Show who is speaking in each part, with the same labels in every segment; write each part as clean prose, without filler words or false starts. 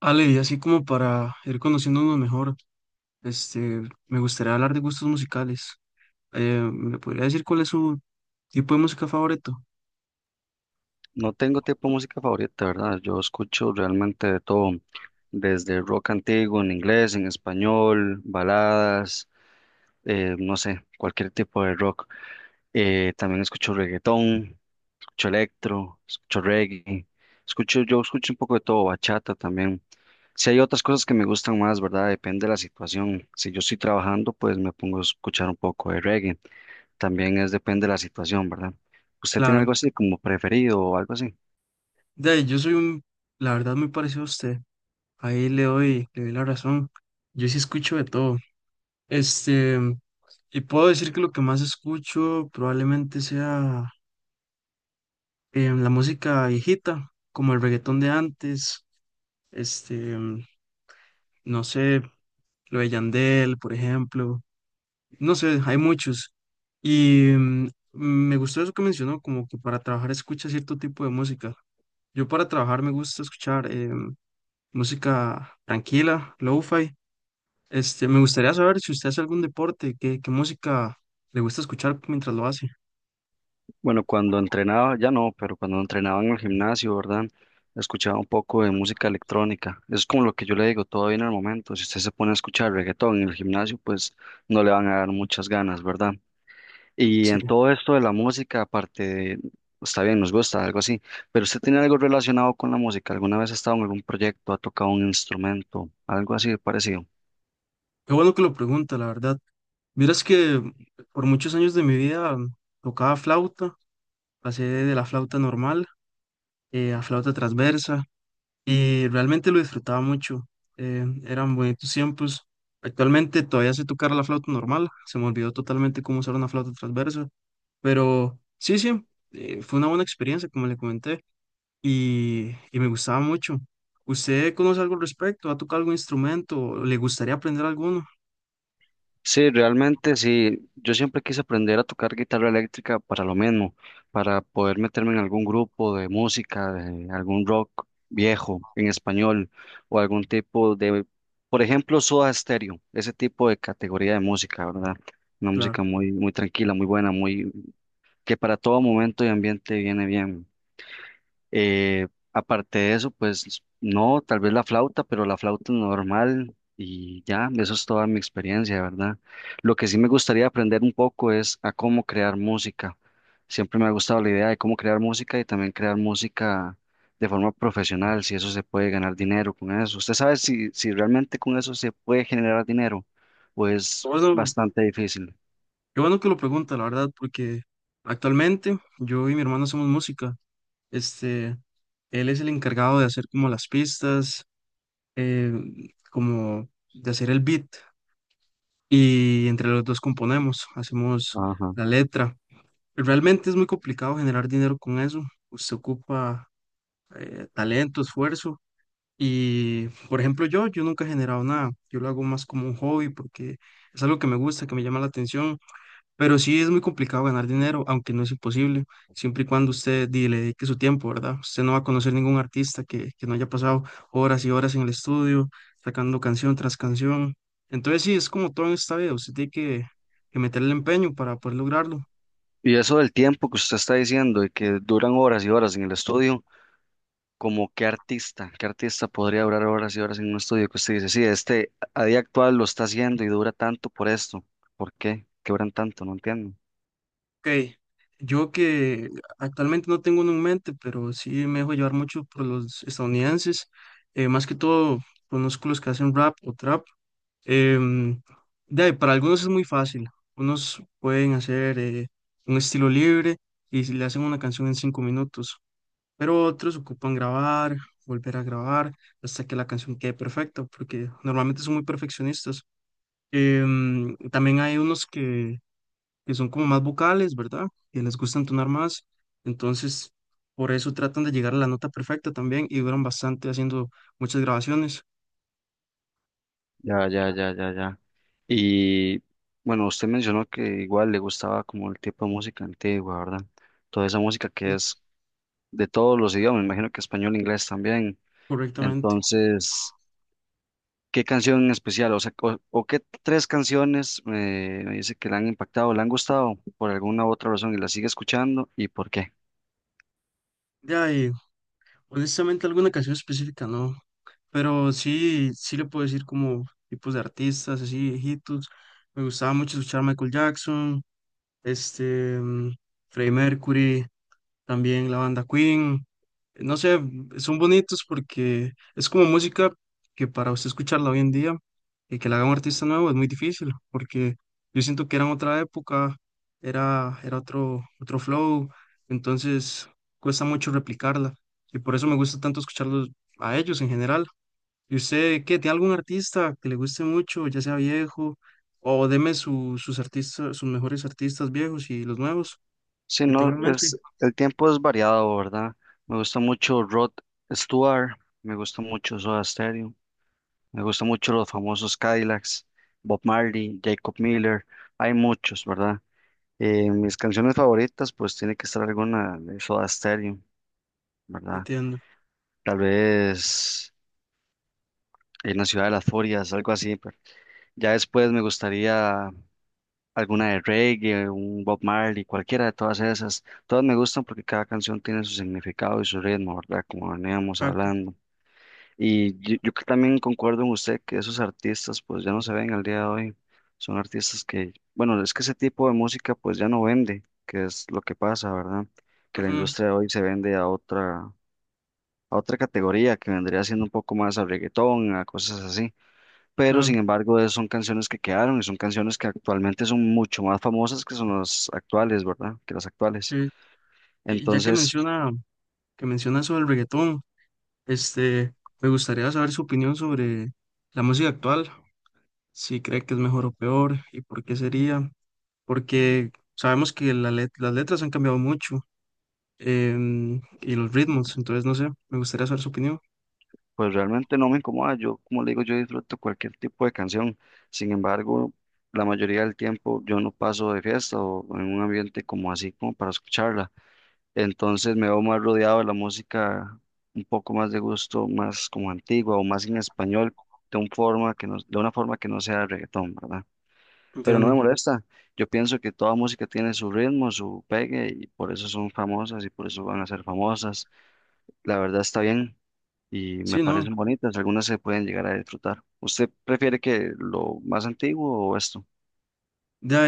Speaker 1: Ale, y así como para ir conociéndonos mejor, este, me gustaría hablar de gustos musicales. ¿Me podría decir cuál es su tipo de música favorito?
Speaker 2: No tengo tipo de música favorita, ¿verdad? Yo escucho realmente de todo, desde rock antiguo en inglés, en español, baladas, no sé, cualquier tipo de rock. También escucho reggaetón, escucho electro, escucho reggae, escucho, yo escucho un poco de todo, bachata también. Si hay otras cosas que me gustan más, ¿verdad? Depende de la situación. Si yo estoy trabajando, pues me pongo a escuchar un poco de reggae. También es depende de la situación, ¿verdad? ¿Usted tiene
Speaker 1: Claro,
Speaker 2: algo así como preferido o algo así?
Speaker 1: de ahí, yo soy un, la verdad, muy parecido a usted. Ahí le doy la razón. Yo sí escucho de todo. Este, y puedo decir que lo que más escucho probablemente sea la música viejita, como el reggaetón de antes, este, em, no sé, lo de Yandel, por ejemplo. No sé, hay muchos. Y me gustó eso que mencionó, como que para trabajar escucha cierto tipo de música. Yo para trabajar me gusta escuchar música tranquila, lo-fi. Me gustaría saber si usted hace algún deporte, qué música le gusta escuchar mientras lo hace.
Speaker 2: Bueno, cuando entrenaba, ya no, pero cuando entrenaba en el gimnasio, ¿verdad? Escuchaba un poco de música electrónica. Eso es como lo que yo le digo, todo viene al momento. Si usted se pone a escuchar reggaetón en el gimnasio, pues no le van a dar muchas ganas, ¿verdad? Y
Speaker 1: Sí,
Speaker 2: en todo esto de la música, aparte de- está bien, nos gusta, algo así, pero usted tiene algo relacionado con la música. ¿Alguna vez ha estado en algún proyecto, ha tocado un instrumento, algo así de parecido?
Speaker 1: qué bueno que lo pregunta, la verdad. Miras que por muchos años de mi vida tocaba flauta, pasé de la flauta normal a flauta transversa. Y realmente lo disfrutaba mucho. Eran bonitos tiempos. Actualmente todavía sé tocar la flauta normal, se me olvidó totalmente cómo usar una flauta transversa, pero sí, sí, fue una buena experiencia, como le comenté, y me gustaba mucho. ¿Usted conoce algo al respecto? ¿Ha tocado algún instrumento? ¿O le gustaría aprender alguno?
Speaker 2: Sí, realmente sí. Yo siempre quise aprender a tocar guitarra eléctrica para lo mismo, para poder meterme en algún grupo de música, de algún rock viejo en español o algún tipo de, por ejemplo, Soda Stereo, ese tipo de categoría de música, ¿verdad? Una música
Speaker 1: Claro.
Speaker 2: muy, muy tranquila, muy buena, muy que para todo momento y ambiente viene bien. Eh, aparte de eso, pues no, tal vez la flauta, pero la flauta normal y ya, eso es toda mi experiencia, ¿verdad? Lo que sí me gustaría aprender un poco es a cómo crear música. Siempre me ha gustado la idea de cómo crear música y también crear música de forma profesional, si eso se puede ganar dinero con eso. ¿Usted sabe si realmente con eso se puede generar dinero o
Speaker 1: Qué
Speaker 2: es
Speaker 1: Bueno,
Speaker 2: bastante difícil?
Speaker 1: qué bueno que lo pregunta, la verdad, porque actualmente yo y mi hermano hacemos música. Este, Él es el encargado de hacer como las pistas, eh, como de hacer el beat, y entre los dos componemos, hacemos
Speaker 2: Ajá.
Speaker 1: la letra. Realmente es muy complicado generar dinero con eso. Usted ocupa talento, esfuerzo y, por ejemplo, yo nunca he generado nada. Yo lo hago más como un hobby porque es algo que me gusta, que me llama la atención, pero sí es muy complicado ganar dinero, aunque no es imposible, siempre y cuando usted le dedique su tiempo, ¿verdad? Usted no va a conocer ningún artista que no haya pasado horas y horas en el estudio, sacando canción tras canción. Entonces sí, es como todo en esta vida, usted tiene que meterle empeño para poder lograrlo.
Speaker 2: Y eso del tiempo que usted está diciendo y que duran horas y horas en el estudio. Como qué artista podría durar horas y horas en un estudio que usted dice, sí, este a día actual lo está haciendo y dura tanto por esto. ¿Por qué? ¿Qué duran tanto? No entiendo.
Speaker 1: Ok, yo que actualmente no tengo uno en mente, pero sí me dejo llevar mucho por los estadounidenses, más que todo conozco los que hacen rap o trap. Em, de ahí, para algunos es muy fácil. Unos pueden hacer un estilo libre, y si le hacen una canción en 5 minutos, pero otros ocupan grabar, volver a grabar hasta que la canción quede perfecta, porque normalmente son muy perfeccionistas. También hay unos que son como más vocales, ¿verdad? Que les gusta entonar más, entonces por eso tratan de llegar a la nota perfecta también y duran bastante haciendo muchas grabaciones
Speaker 2: Ya, ya, ya, ya, ya. Y bueno, usted mencionó que igual le gustaba como el tipo de música antigua, ¿verdad? Toda esa música que es de todos los idiomas, me imagino que español, inglés también.
Speaker 1: correctamente.
Speaker 2: Entonces, ¿qué canción en especial? O sea, o qué 3 canciones me dice que le han impactado, le han gustado por alguna u otra razón y la sigue escuchando y por qué.
Speaker 1: Ya, honestamente, alguna canción específica no, pero sí, sí le puedo decir como tipos de artistas, así viejitos. Me gustaba mucho escuchar Michael Jackson, este, mm, Freddie Mercury, también la banda Queen. No sé, son bonitos porque es como música que para usted escucharla hoy en día y que la haga un artista nuevo es muy difícil, porque yo siento que era en otra época, era otro flow, entonces cuesta mucho replicarla y por eso me gusta tanto escucharlos a ellos en general. ¿Y usted qué? ¿Tiene algún artista que le guste mucho, ya sea viejo? O deme sus artistas, sus mejores artistas viejos y los nuevos
Speaker 2: Sí,
Speaker 1: que
Speaker 2: no,
Speaker 1: tengan en
Speaker 2: es,
Speaker 1: mente.
Speaker 2: el tiempo es variado, ¿verdad? Me gusta mucho Rod Stewart, me gusta mucho Soda Stereo, me gusta mucho los famosos Cadillacs, Bob Marley, Jacob Miller, hay muchos, ¿verdad? Mis canciones favoritas, pues tiene que estar alguna de Soda Stereo, ¿verdad?
Speaker 1: Entiendo.
Speaker 2: Tal vez en la ciudad de las furias, algo así. Ya después me gustaría alguna de reggae, un Bob Marley, cualquiera de todas esas. Todas me gustan porque cada canción tiene su significado y su ritmo, ¿verdad? Como veníamos
Speaker 1: Exacto.
Speaker 2: hablando. Y yo que también concuerdo con usted que esos artistas pues ya no se ven al día de hoy. Son artistas que, bueno, es que ese tipo de música pues ya no vende, que es lo que pasa, ¿verdad? Que la
Speaker 1: Ujú,
Speaker 2: industria de hoy se vende a otra categoría que vendría siendo un poco más a reggaetón, a cosas así, pero sin
Speaker 1: claro.
Speaker 2: embargo es- son canciones que quedaron y son canciones que actualmente son mucho más famosas que son las actuales, ¿verdad? Que las actuales.
Speaker 1: Sí. Y ya
Speaker 2: Entonces,
Speaker 1: que menciona sobre el reggaetón, este, me gustaría saber su opinión sobre la música actual, si cree que es mejor o peor y por qué sería, porque sabemos que la las letras han cambiado mucho y los ritmos, entonces no sé, me gustaría saber su opinión.
Speaker 2: pues realmente no me incomoda, yo como le digo, yo disfruto cualquier tipo de canción, sin embargo, la mayoría del tiempo yo no paso de fiesta o en un ambiente como así como para escucharla, entonces me veo más rodeado de la música un poco más de gusto, más como antigua o más en español, de un forma que no- de una forma que no sea reggaetón, ¿verdad? Pero no me
Speaker 1: Entiendo.
Speaker 2: molesta. Yo pienso que toda música tiene su ritmo, su pegue, y por eso son famosas y por eso van a ser famosas. La verdad está bien y me
Speaker 1: Sí, no.
Speaker 2: parecen bonitas. Algunas se pueden llegar a disfrutar. ¿Usted prefiere que lo más antiguo o esto?
Speaker 1: Ya,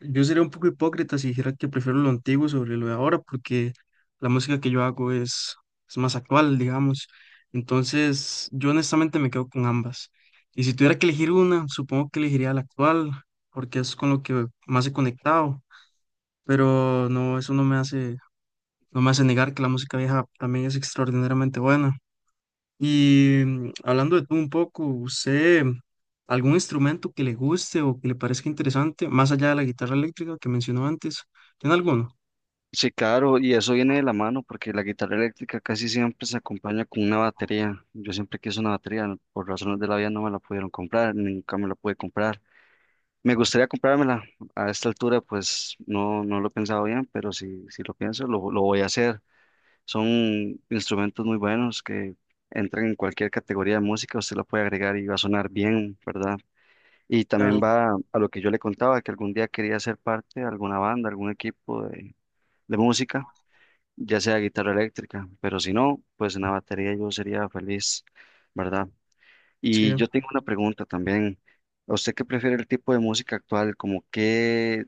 Speaker 1: yo sería un poco hipócrita si dijera que prefiero lo antiguo sobre lo de ahora, porque la música que yo hago es más actual, digamos. Entonces, yo honestamente me quedo con ambas. Y si tuviera que elegir una, supongo que elegiría la actual, porque es con lo que más he conectado. Pero no, eso no me hace, no me hace negar que la música vieja también es extraordinariamente buena. Y hablando de tú un poco, ¿usted algún instrumento que le guste o que le parezca interesante, más allá de la guitarra eléctrica que mencionó antes? ¿Tiene alguno?
Speaker 2: Sí, claro, y eso viene de la mano porque la guitarra eléctrica casi siempre se acompaña con una batería. Yo siempre quise una batería, por razones de la vida no me la pudieron comprar, nunca me la pude comprar. Me gustaría comprármela. A esta altura, pues no, no lo he pensado bien, pero si, si lo pienso, lo voy a hacer. Son instrumentos muy buenos que entran en cualquier categoría de música, usted la puede agregar y va a sonar bien, ¿verdad? Y también
Speaker 1: Claro,
Speaker 2: va a lo que yo le contaba, que algún día quería ser parte de alguna banda, algún equipo de música, ya sea guitarra eléctrica, pero si no, pues en la batería yo sería feliz, ¿verdad?
Speaker 1: sí.
Speaker 2: Y yo tengo una pregunta también. ¿A usted qué prefiere el tipo de música actual? ¿Como qué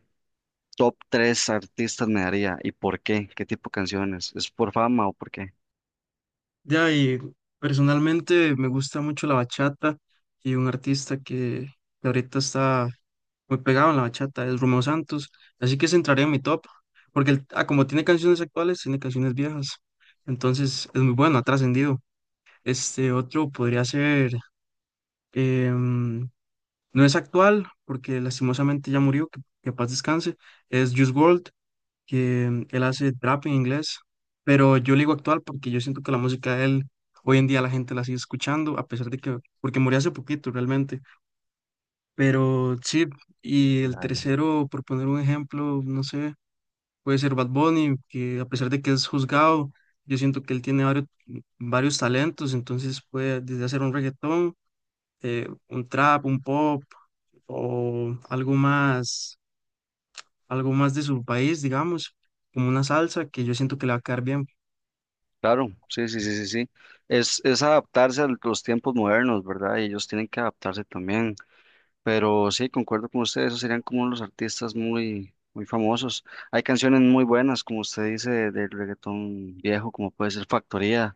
Speaker 2: top 3 artistas me daría? ¿Y por qué? ¿Qué tipo de canciones? ¿Es por fama o por qué?
Speaker 1: De ahí, personalmente me gusta mucho la bachata y un artista que ahorita está muy pegado en la bachata es Romeo Santos, así que se entraría en mi top, porque como tiene canciones actuales, tiene canciones viejas, entonces es muy bueno, ha trascendido. Este otro podría ser. em, No es actual, porque lastimosamente ya murió, que paz descanse. Es Juice WRLD, que él hace trap en inglés, pero yo le digo actual porque yo siento que la música de él hoy en día la gente la sigue escuchando, a pesar de que, porque murió hace poquito realmente. Pero sí, y el
Speaker 2: Ya, ya.
Speaker 1: tercero, por poner un ejemplo, no sé, puede ser Bad Bunny, que a pesar de que es juzgado, yo siento que él tiene varios, varios talentos, entonces puede desde hacer un reggaetón, un trap, un pop o algo más de su país, digamos, como una salsa que yo siento que le va a quedar bien.
Speaker 2: Claro, sí, sí, sí, sí, sí. Es adaptarse a los tiempos modernos, ¿verdad? Y ellos tienen que adaptarse también. Pero sí, concuerdo con usted, esos serían como los artistas muy, muy famosos. Hay canciones muy buenas, como usted dice, del reggaetón viejo, como puede ser Factoría.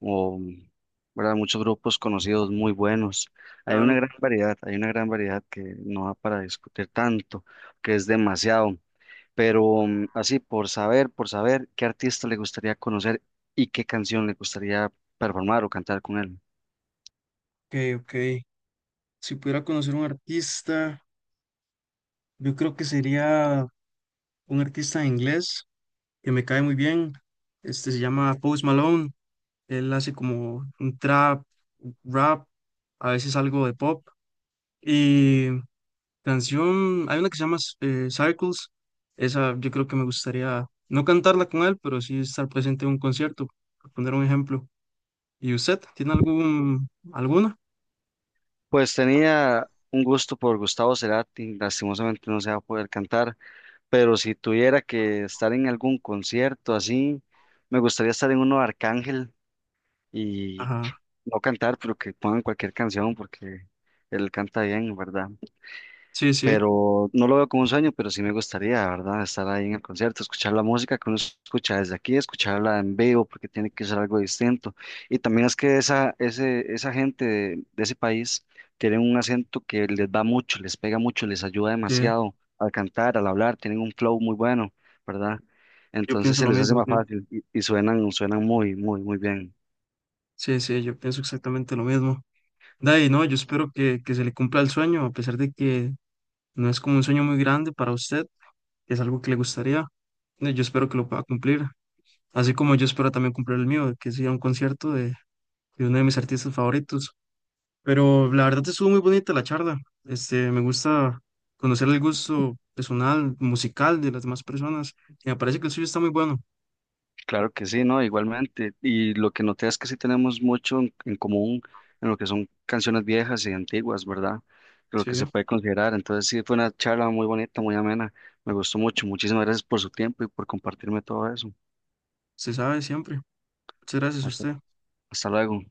Speaker 2: O, ¿verdad? Muchos grupos conocidos muy buenos. Hay una
Speaker 1: Claro,
Speaker 2: gran variedad, hay una gran variedad que no da para discutir tanto, que es demasiado. Pero así, por saber qué artista le gustaría conocer y qué canción le gustaría performar o cantar con él.
Speaker 1: ok, ok. Si pudiera conocer un artista, yo creo que sería un artista de inglés que me cae muy bien. Este se llama Post Malone. Él hace como un trap, rap, a veces algo de pop. Y canción, hay una que se llama Circles, esa yo creo que me gustaría no cantarla con él, pero sí estar presente en un concierto, por poner un ejemplo. ¿Y usted tiene algún, alguna?
Speaker 2: Pues tenía un gusto por Gustavo Cerati, lastimosamente no se va a poder cantar, pero si tuviera que estar en algún concierto así, me gustaría estar en uno de Arcángel y
Speaker 1: Ajá,
Speaker 2: no cantar, pero que pongan cualquier canción porque él canta bien, ¿verdad?
Speaker 1: sí, sí,
Speaker 2: Pero no lo veo como un sueño, pero sí me gustaría, ¿verdad? Estar ahí en el concierto, escuchar la música que uno escucha desde aquí, escucharla en vivo porque tiene que ser algo distinto. Y también es que esa, ese, esa gente de ese país tiene un acento que les va mucho, les pega mucho, les ayuda
Speaker 1: sí,
Speaker 2: demasiado al cantar, al hablar, tienen un flow muy bueno, ¿verdad?
Speaker 1: yo
Speaker 2: Entonces
Speaker 1: pienso
Speaker 2: se
Speaker 1: lo
Speaker 2: les hace
Speaker 1: mismo,
Speaker 2: más
Speaker 1: sí,
Speaker 2: fácil y suenan, suenan muy, muy, muy bien.
Speaker 1: sí, sí, yo pienso exactamente lo mismo. De ahí, no, yo espero que se le cumpla el sueño, a pesar de que no es como un sueño muy grande para usted, que es algo que le gustaría, yo espero que lo pueda cumplir, así como yo espero también cumplir el mío, que sea un concierto de uno de mis artistas favoritos. Pero la verdad estuvo muy bonita la charla. Me gusta conocer el gusto personal, musical de las demás personas. Y me parece que el suyo está muy bueno.
Speaker 2: Claro que sí, ¿no? Igualmente. Y lo que noté es que sí tenemos mucho en común en lo que son canciones viejas y antiguas, ¿verdad? Lo
Speaker 1: Sí,
Speaker 2: que se puede considerar. Entonces sí, fue una charla muy bonita, muy amena. Me gustó mucho. Muchísimas gracias por su tiempo y por compartirme todo eso.
Speaker 1: se sabe siempre. Muchas gracias a
Speaker 2: Hasta,
Speaker 1: usted.
Speaker 2: hasta luego.